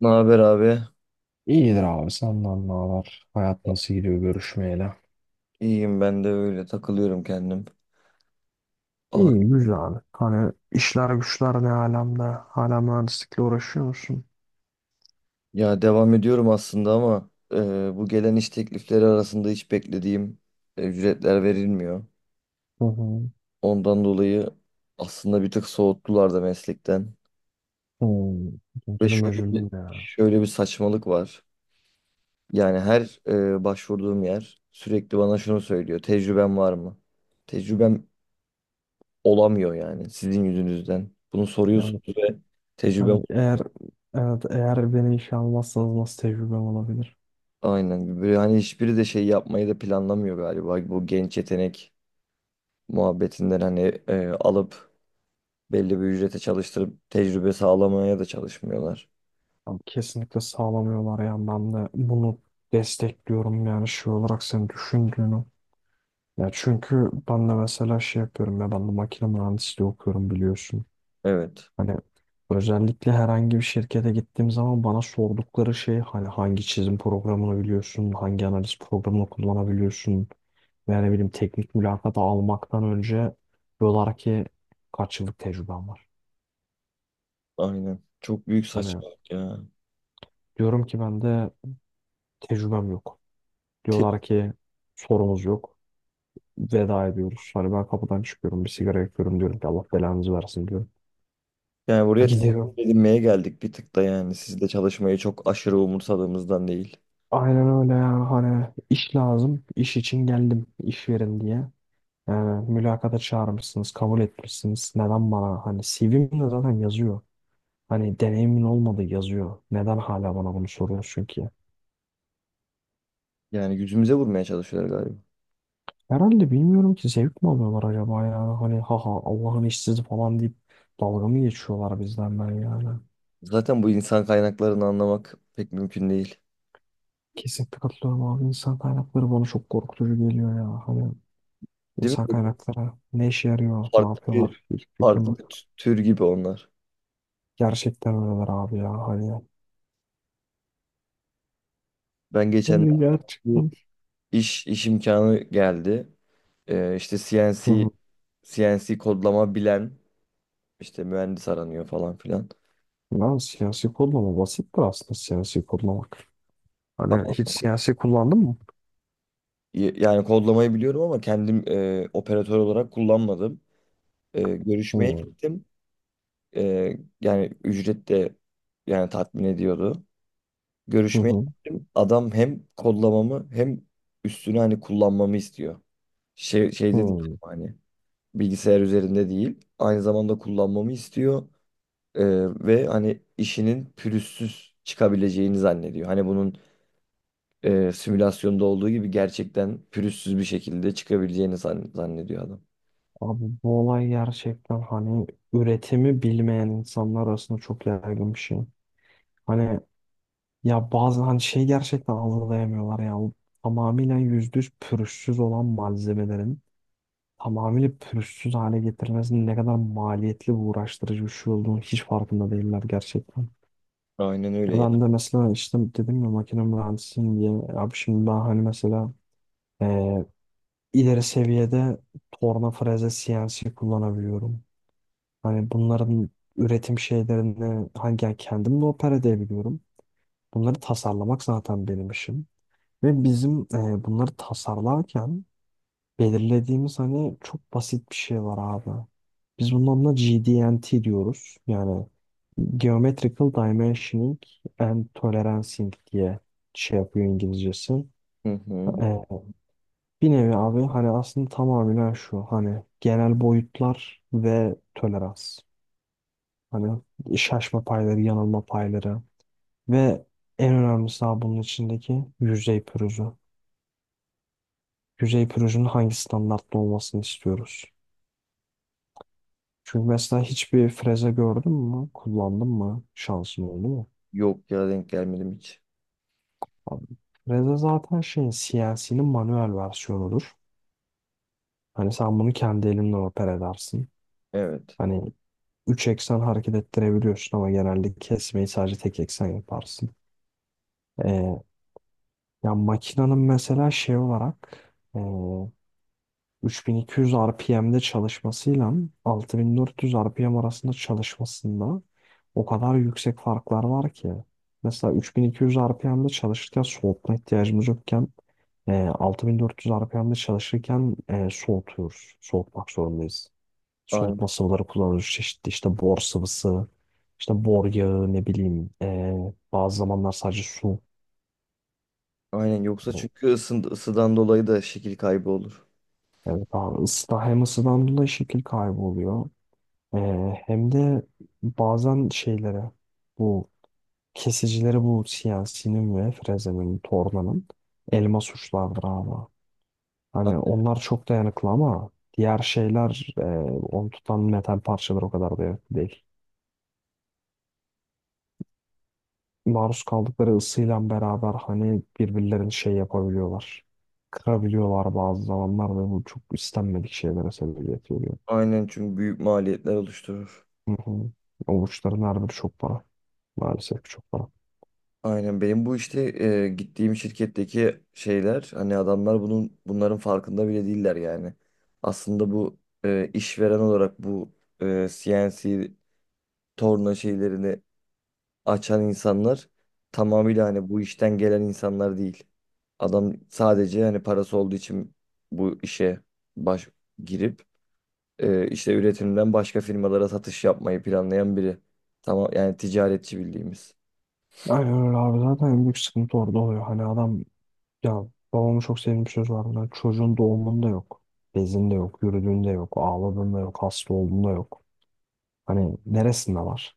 Ne haber abi? İyidir abi senden ne haber? Hayat nasıl gidiyor görüşmeyeli? İyiyim, ben de öyle takılıyorum kendim. Ah, İyi güzel abi. Hani işler güçler ne alemde? Hala mühendislikle uğraşıyor musun? ya devam ediyorum aslında ama bu gelen iş teklifleri arasında hiç beklediğim ücretler verilmiyor. Hı hı. Ondan dolayı aslında bir tık soğuttular da meslekten. Hmm. Ve Üzüldüm üzüldüm ya. şöyle bir saçmalık var. Yani her başvurduğum yer sürekli bana şunu söylüyor. Tecrüben var mı? Tecrübem olamıyor yani sizin yüzünüzden. Bunu Yani soruyorsunuz ve tecrübem. hani eğer evet eğer beni işe almazsanız nasıl tecrübem olabilir? Aynen. Böyle hani hiçbiri de şey yapmayı da planlamıyor galiba. Bu genç yetenek muhabbetinden hani alıp belli bir ücrete çalıştırıp tecrübe sağlamaya da çalışmıyorlar. Abi kesinlikle sağlamıyorlar yani ben de bunu destekliyorum yani şey olarak senin düşündüğünü. Ya çünkü ben de mesela şey yapıyorum ya ben de makine mühendisliği okuyorum biliyorsun. Evet. Hani özellikle herhangi bir şirkete gittiğim zaman bana sordukları şey hani hangi çizim programını biliyorsun, hangi analiz programını kullanabiliyorsun veya ne bileyim teknik mülakata almaktan önce diyorlar ki kaç yıllık tecrüben var. Aynen. Çok büyük Hani saçmalık ya. diyorum ki ben de tecrübem yok. Tek, Diyorlar ki sorumuz yok. Veda ediyoruz. Hani ben kapıdan çıkıyorum bir sigara yakıyorum diyorum ki Allah belanızı versin diyorum. yani buraya tek Gidiyorum. edinmeye geldik bir tık da yani. Sizde çalışmayı çok aşırı umursadığımızdan değil. Aynen öyle yani hani iş lazım. İş için geldim iş verin diye. Ee, mülakata çağırmışsınız, kabul etmişsiniz. Neden bana hani CV'mde zaten yazıyor. Hani deneyimin olmadı yazıyor. Neden hala bana bunu soruyorsun ki? Yani yüzümüze vurmaya çalışıyorlar galiba. Herhalde bilmiyorum ki zevk mi alıyorlar acaba ya? Hani haha Allah'ın işsizi falan deyip dalga mı geçiyorlar bizden ben yani. Zaten bu insan kaynaklarını anlamak pek mümkün değil. Kesinlikle katılıyorum abi. İnsan kaynakları bana çok korkutucu geliyor ya. Hani Değil mi? insan Böyle, kaynakları ne işe yarıyor, ne Farklı bir, yapıyorlar hiç fikrim farklı yok. bir tür gibi onlar. Gerçekten öyleler abi ya. Hani, Ben geçen hani gerçekten. iş imkanı geldi. İşte CNC kodlama bilen işte mühendis aranıyor falan filan. Ben siyasi kodlama basittir aslında siyasi kodlamak. Hani Ama hiç siyasi kullandın mı? Yani kodlamayı biliyorum ama kendim operatör olarak kullanmadım. Görüşmeye Hı. gittim. Yani ücret de yani tatmin ediyordu. Hı Görüşmeye hı. gittim. Adam hem kodlamamı hem üstüne hani kullanmamı istiyor. Şeyde değil, Hı. hani bilgisayar üzerinde değil. Aynı zamanda kullanmamı istiyor. Ee, ve hani işinin pürüzsüz çıkabileceğini zannediyor. Hani bunun simülasyonda olduğu gibi gerçekten pürüzsüz bir şekilde çıkabileceğini zannediyor adam. Abi bu olay gerçekten hani üretimi bilmeyen insanlar arasında çok yaygın bir şey. Hani ya bazı hani şey gerçekten algılayamıyorlar ya. Bu tamamıyla %100 pürüzsüz olan malzemelerin tamamıyla pürüzsüz hale getirilmesinin ne kadar maliyetli ve uğraştırıcı bir şey olduğunu hiç farkında değiller gerçekten. Aynen öyle Ya ya. ben de mesela işte dedim ya makine mühendisiyim diye. Abi şimdi ben hani mesela eee, ileri seviyede torna freze CNC kullanabiliyorum. Hani bunların üretim şeylerini hangi yani kendim de opera edebiliyorum. Bunları tasarlamak zaten benim işim. Ve bizim bunları tasarlarken belirlediğimiz hani çok basit bir şey var abi. Biz bunun adına GDNT diyoruz. Yani Geometrical Dimensioning and Tolerancing diye şey yapıyor İngilizcesi. Hı hı. Ee, bir nevi abi hani aslında tamamen şu hani genel boyutlar ve tolerans. Hani şaşma payları, yanılma payları ve en önemlisi abi bunun içindeki yüzey pürüzü. Yüzey pürüzünün hangi standartta olmasını istiyoruz. Çünkü mesela hiçbir freze gördün mü? Kullandın mı? Şansın oldu mu? Yok ya, denk gelmedim hiç. Abi, freze zaten şeyin CNC'nin manuel versiyonudur. Hani sen bunu kendi elinle oper edersin. Evet. Hani 3 eksen hareket ettirebiliyorsun ama genelde kesmeyi sadece tek eksen yaparsın. Ee, ya makinenin mesela şey olarak ee, 3200 RPM'de çalışmasıyla 6400 RPM arasında çalışmasında o kadar yüksek farklar var ki. Mesela 3200 RPM'de çalışırken soğutma ihtiyacımız yokken 6400 RPM'de çalışırken soğutuyoruz. Soğutmak zorundayız. Aynen. Soğutma sıvıları kullanılıyor. Çeşitli işte bor sıvısı, işte bor yağı ne bileyim. Bazı zamanlar sadece su. Aynen, yoksa çünkü ısıdan dolayı da şekil kaybı olur. Evet abi ısıda hem ısıdan dolayı şekil kaybı oluyor. Ee, hem de bazen şeylere bu kesicilere bu siyasinin ve frezenin, tornanın elma suçlardır abi. Hani A- onlar çok dayanıklı ama diğer şeyler onu tutan metal parçalar o kadar dayanıklı değil. Maruz kaldıkları ısıyla beraber hani birbirlerini şey yapabiliyorlar. Kırabiliyorlar bazı zamanlar ve bu çok istenmedik şeylere sebebiyet veriyor. Aynen, çünkü büyük maliyetler oluşturur. Hı hı. O uçların her biri çok para. Maalesef ki çok para. Aynen, benim bu işte gittiğim şirketteki şeyler hani adamlar bunların farkında bile değiller yani. Aslında bu işveren olarak bu CNC torna şeylerini açan insanlar tamamıyla hani bu işten gelen insanlar değil. Adam sadece hani parası olduğu için bu işe baş girip işte üretimden başka firmalara satış yapmayı planlayan biri. Tamam, yani ticaretçi bildiğimiz. Aynen öyle abi zaten en büyük sıkıntı orada oluyor. Hani adam ya babamın çok sevdiğim bir söz var. Hani çocuğun doğumunda yok. Bezinde yok, yürüdüğünde yok, ağladığında yok, hasta olduğunda yok. Hani neresinde var?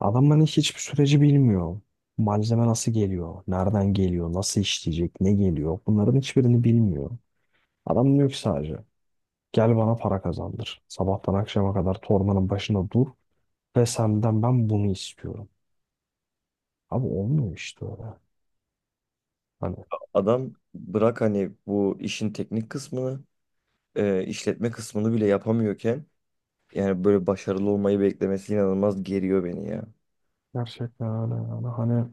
Adam hani hiçbir süreci bilmiyor. Malzeme nasıl geliyor, nereden geliyor, nasıl işleyecek, ne geliyor bunların hiçbirini bilmiyor. Adam diyor ki sadece gel bana para kazandır. Sabahtan akşama kadar torbanın başında dur ve senden ben bunu istiyorum. Abi olmuyor işte öyle. Hani Adam bırak hani bu işin teknik kısmını, işletme kısmını bile yapamıyorken yani böyle başarılı olmayı beklemesi inanılmaz geriyor beni ya. gerçekten öyle yani. Hani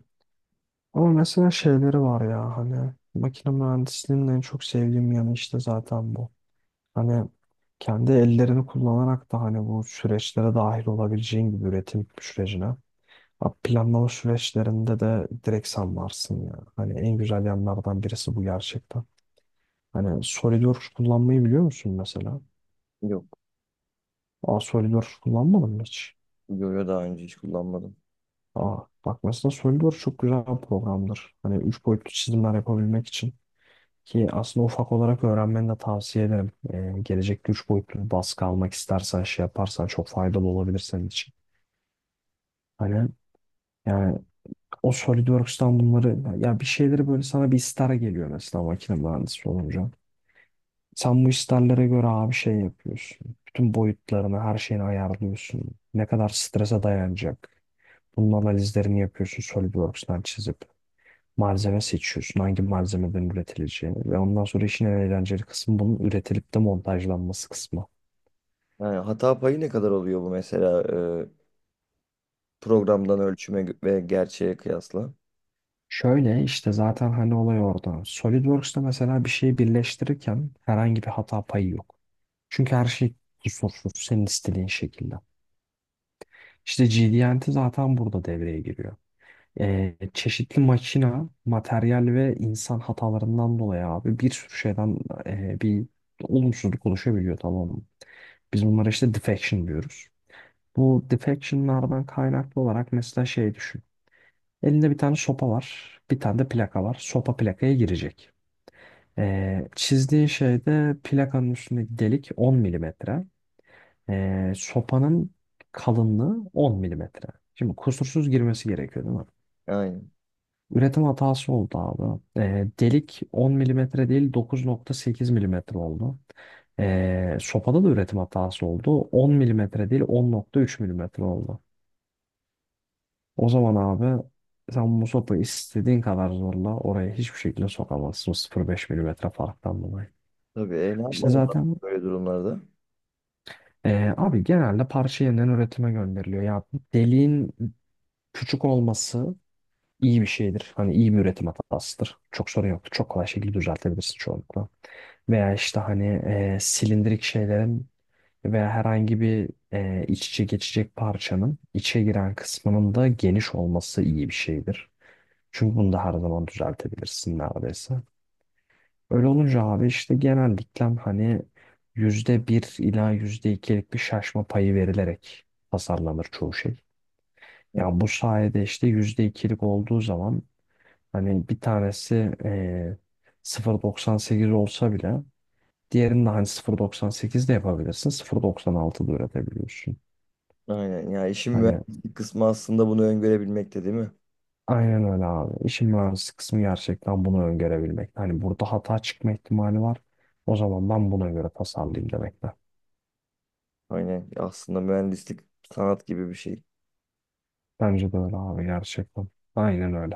ama mesela şeyleri var ya hani makine mühendisliğinin en çok sevdiğim yanı işte zaten bu. Hani kendi ellerini kullanarak da hani bu süreçlere dahil olabileceğin gibi üretim sürecine. Ha, planlama süreçlerinde de direkt sen varsın ya. Hani en güzel yanlardan birisi bu gerçekten. Hani SolidWorks kullanmayı biliyor musun mesela? Yok. Aa SolidWorks kullanmadın mı hiç? Yo daha önce hiç kullanmadım. Aa bak mesela SolidWorks çok güzel bir programdır. Hani üç boyutlu çizimler yapabilmek için. Ki aslında ufak olarak öğrenmeni de tavsiye ederim. Gelecekte üç boyutlu bir baskı almak istersen şey yaparsan çok faydalı olabilir senin için. Hani yani o SolidWorks'tan bunları ya bir şeyleri böyle sana bir ister geliyor mesela makine mühendisi olunca. Sen bu isterlere göre abi şey yapıyorsun. Bütün boyutlarını, her şeyini ayarlıyorsun. Ne kadar strese dayanacak. Bunun analizlerini yapıyorsun SolidWorks'tan çizip. Malzeme seçiyorsun. Hangi malzemeden üretileceğini. Ve ondan sonra işin en eğlenceli kısmı bunun üretilip de montajlanması kısmı. Yani hata payı ne kadar oluyor bu mesela e, programdan ölçüme ve gerçeğe kıyasla? Şöyle işte zaten hani olay orada. SolidWorks'ta mesela bir şeyi birleştirirken herhangi bir hata payı yok. Çünkü her şey kusursuz senin istediğin şekilde. İşte G D GD&T zaten burada devreye giriyor. Çeşitli makina, materyal ve insan hatalarından dolayı abi bir sürü şeyden bir olumsuzluk oluşabiliyor tamam mı? Biz bunlara işte defection diyoruz. Bu defectionlardan kaynaklı olarak mesela şey düşün. Elinde bir tane sopa var, bir tane de plaka var. Sopa plakaya girecek. Çizdiğin şeyde plakanın üstündeki delik 10 milimetre. Sopanın kalınlığı 10 milimetre. Şimdi kusursuz girmesi gerekiyor değil mi? Aynen. Üretim hatası oldu abi. Delik 10 milimetre değil 9.8 milimetre oldu. Sopada da üretim hatası oldu. 10 milimetre değil 10.3 milimetre oldu. O zaman abi sen bu sopayı istediğin kadar zorla oraya hiçbir şekilde sokamazsın. 0.5 milimetre farktan dolayı. Tabii, ne İşte yapmamız lazım zaten böyle durumlarda? Abi genelde parça yeniden üretime gönderiliyor. Ya deliğin küçük olması iyi bir şeydir. Hani iyi bir üretim hatasıdır. Çok sorun yoktur. Çok kolay şekilde düzeltebilirsin çoğunlukla. Veya işte hani silindirik şeylerin veya herhangi bir iç içe geçecek parçanın içe giren kısmının da geniş olması iyi bir şeydir. Çünkü bunu da her zaman düzeltebilirsin neredeyse. Öyle olunca abi işte genellikle hani %1 ila yüzde ikilik bir şaşma payı verilerek tasarlanır çoğu şey. Hı. Yani bu sayede işte %2'lik olduğu zaman hani bir tanesi eee 0.98 olsa bile diğerini de hani 0.98 de yapabilirsin. 0.96 da üretebiliyorsun. Aynen ya, işin Hani mühendislik kısmı aslında bunu öngörebilmekte, değil mi? aynen öyle abi. İşin mühendislik kısmı gerçekten bunu öngörebilmek. Hani burada hata çıkma ihtimali var. O zaman ben buna göre tasarlayayım demekle. Aynen, aslında mühendislik sanat gibi bir şey. Bence de öyle abi gerçekten. Aynen öyle.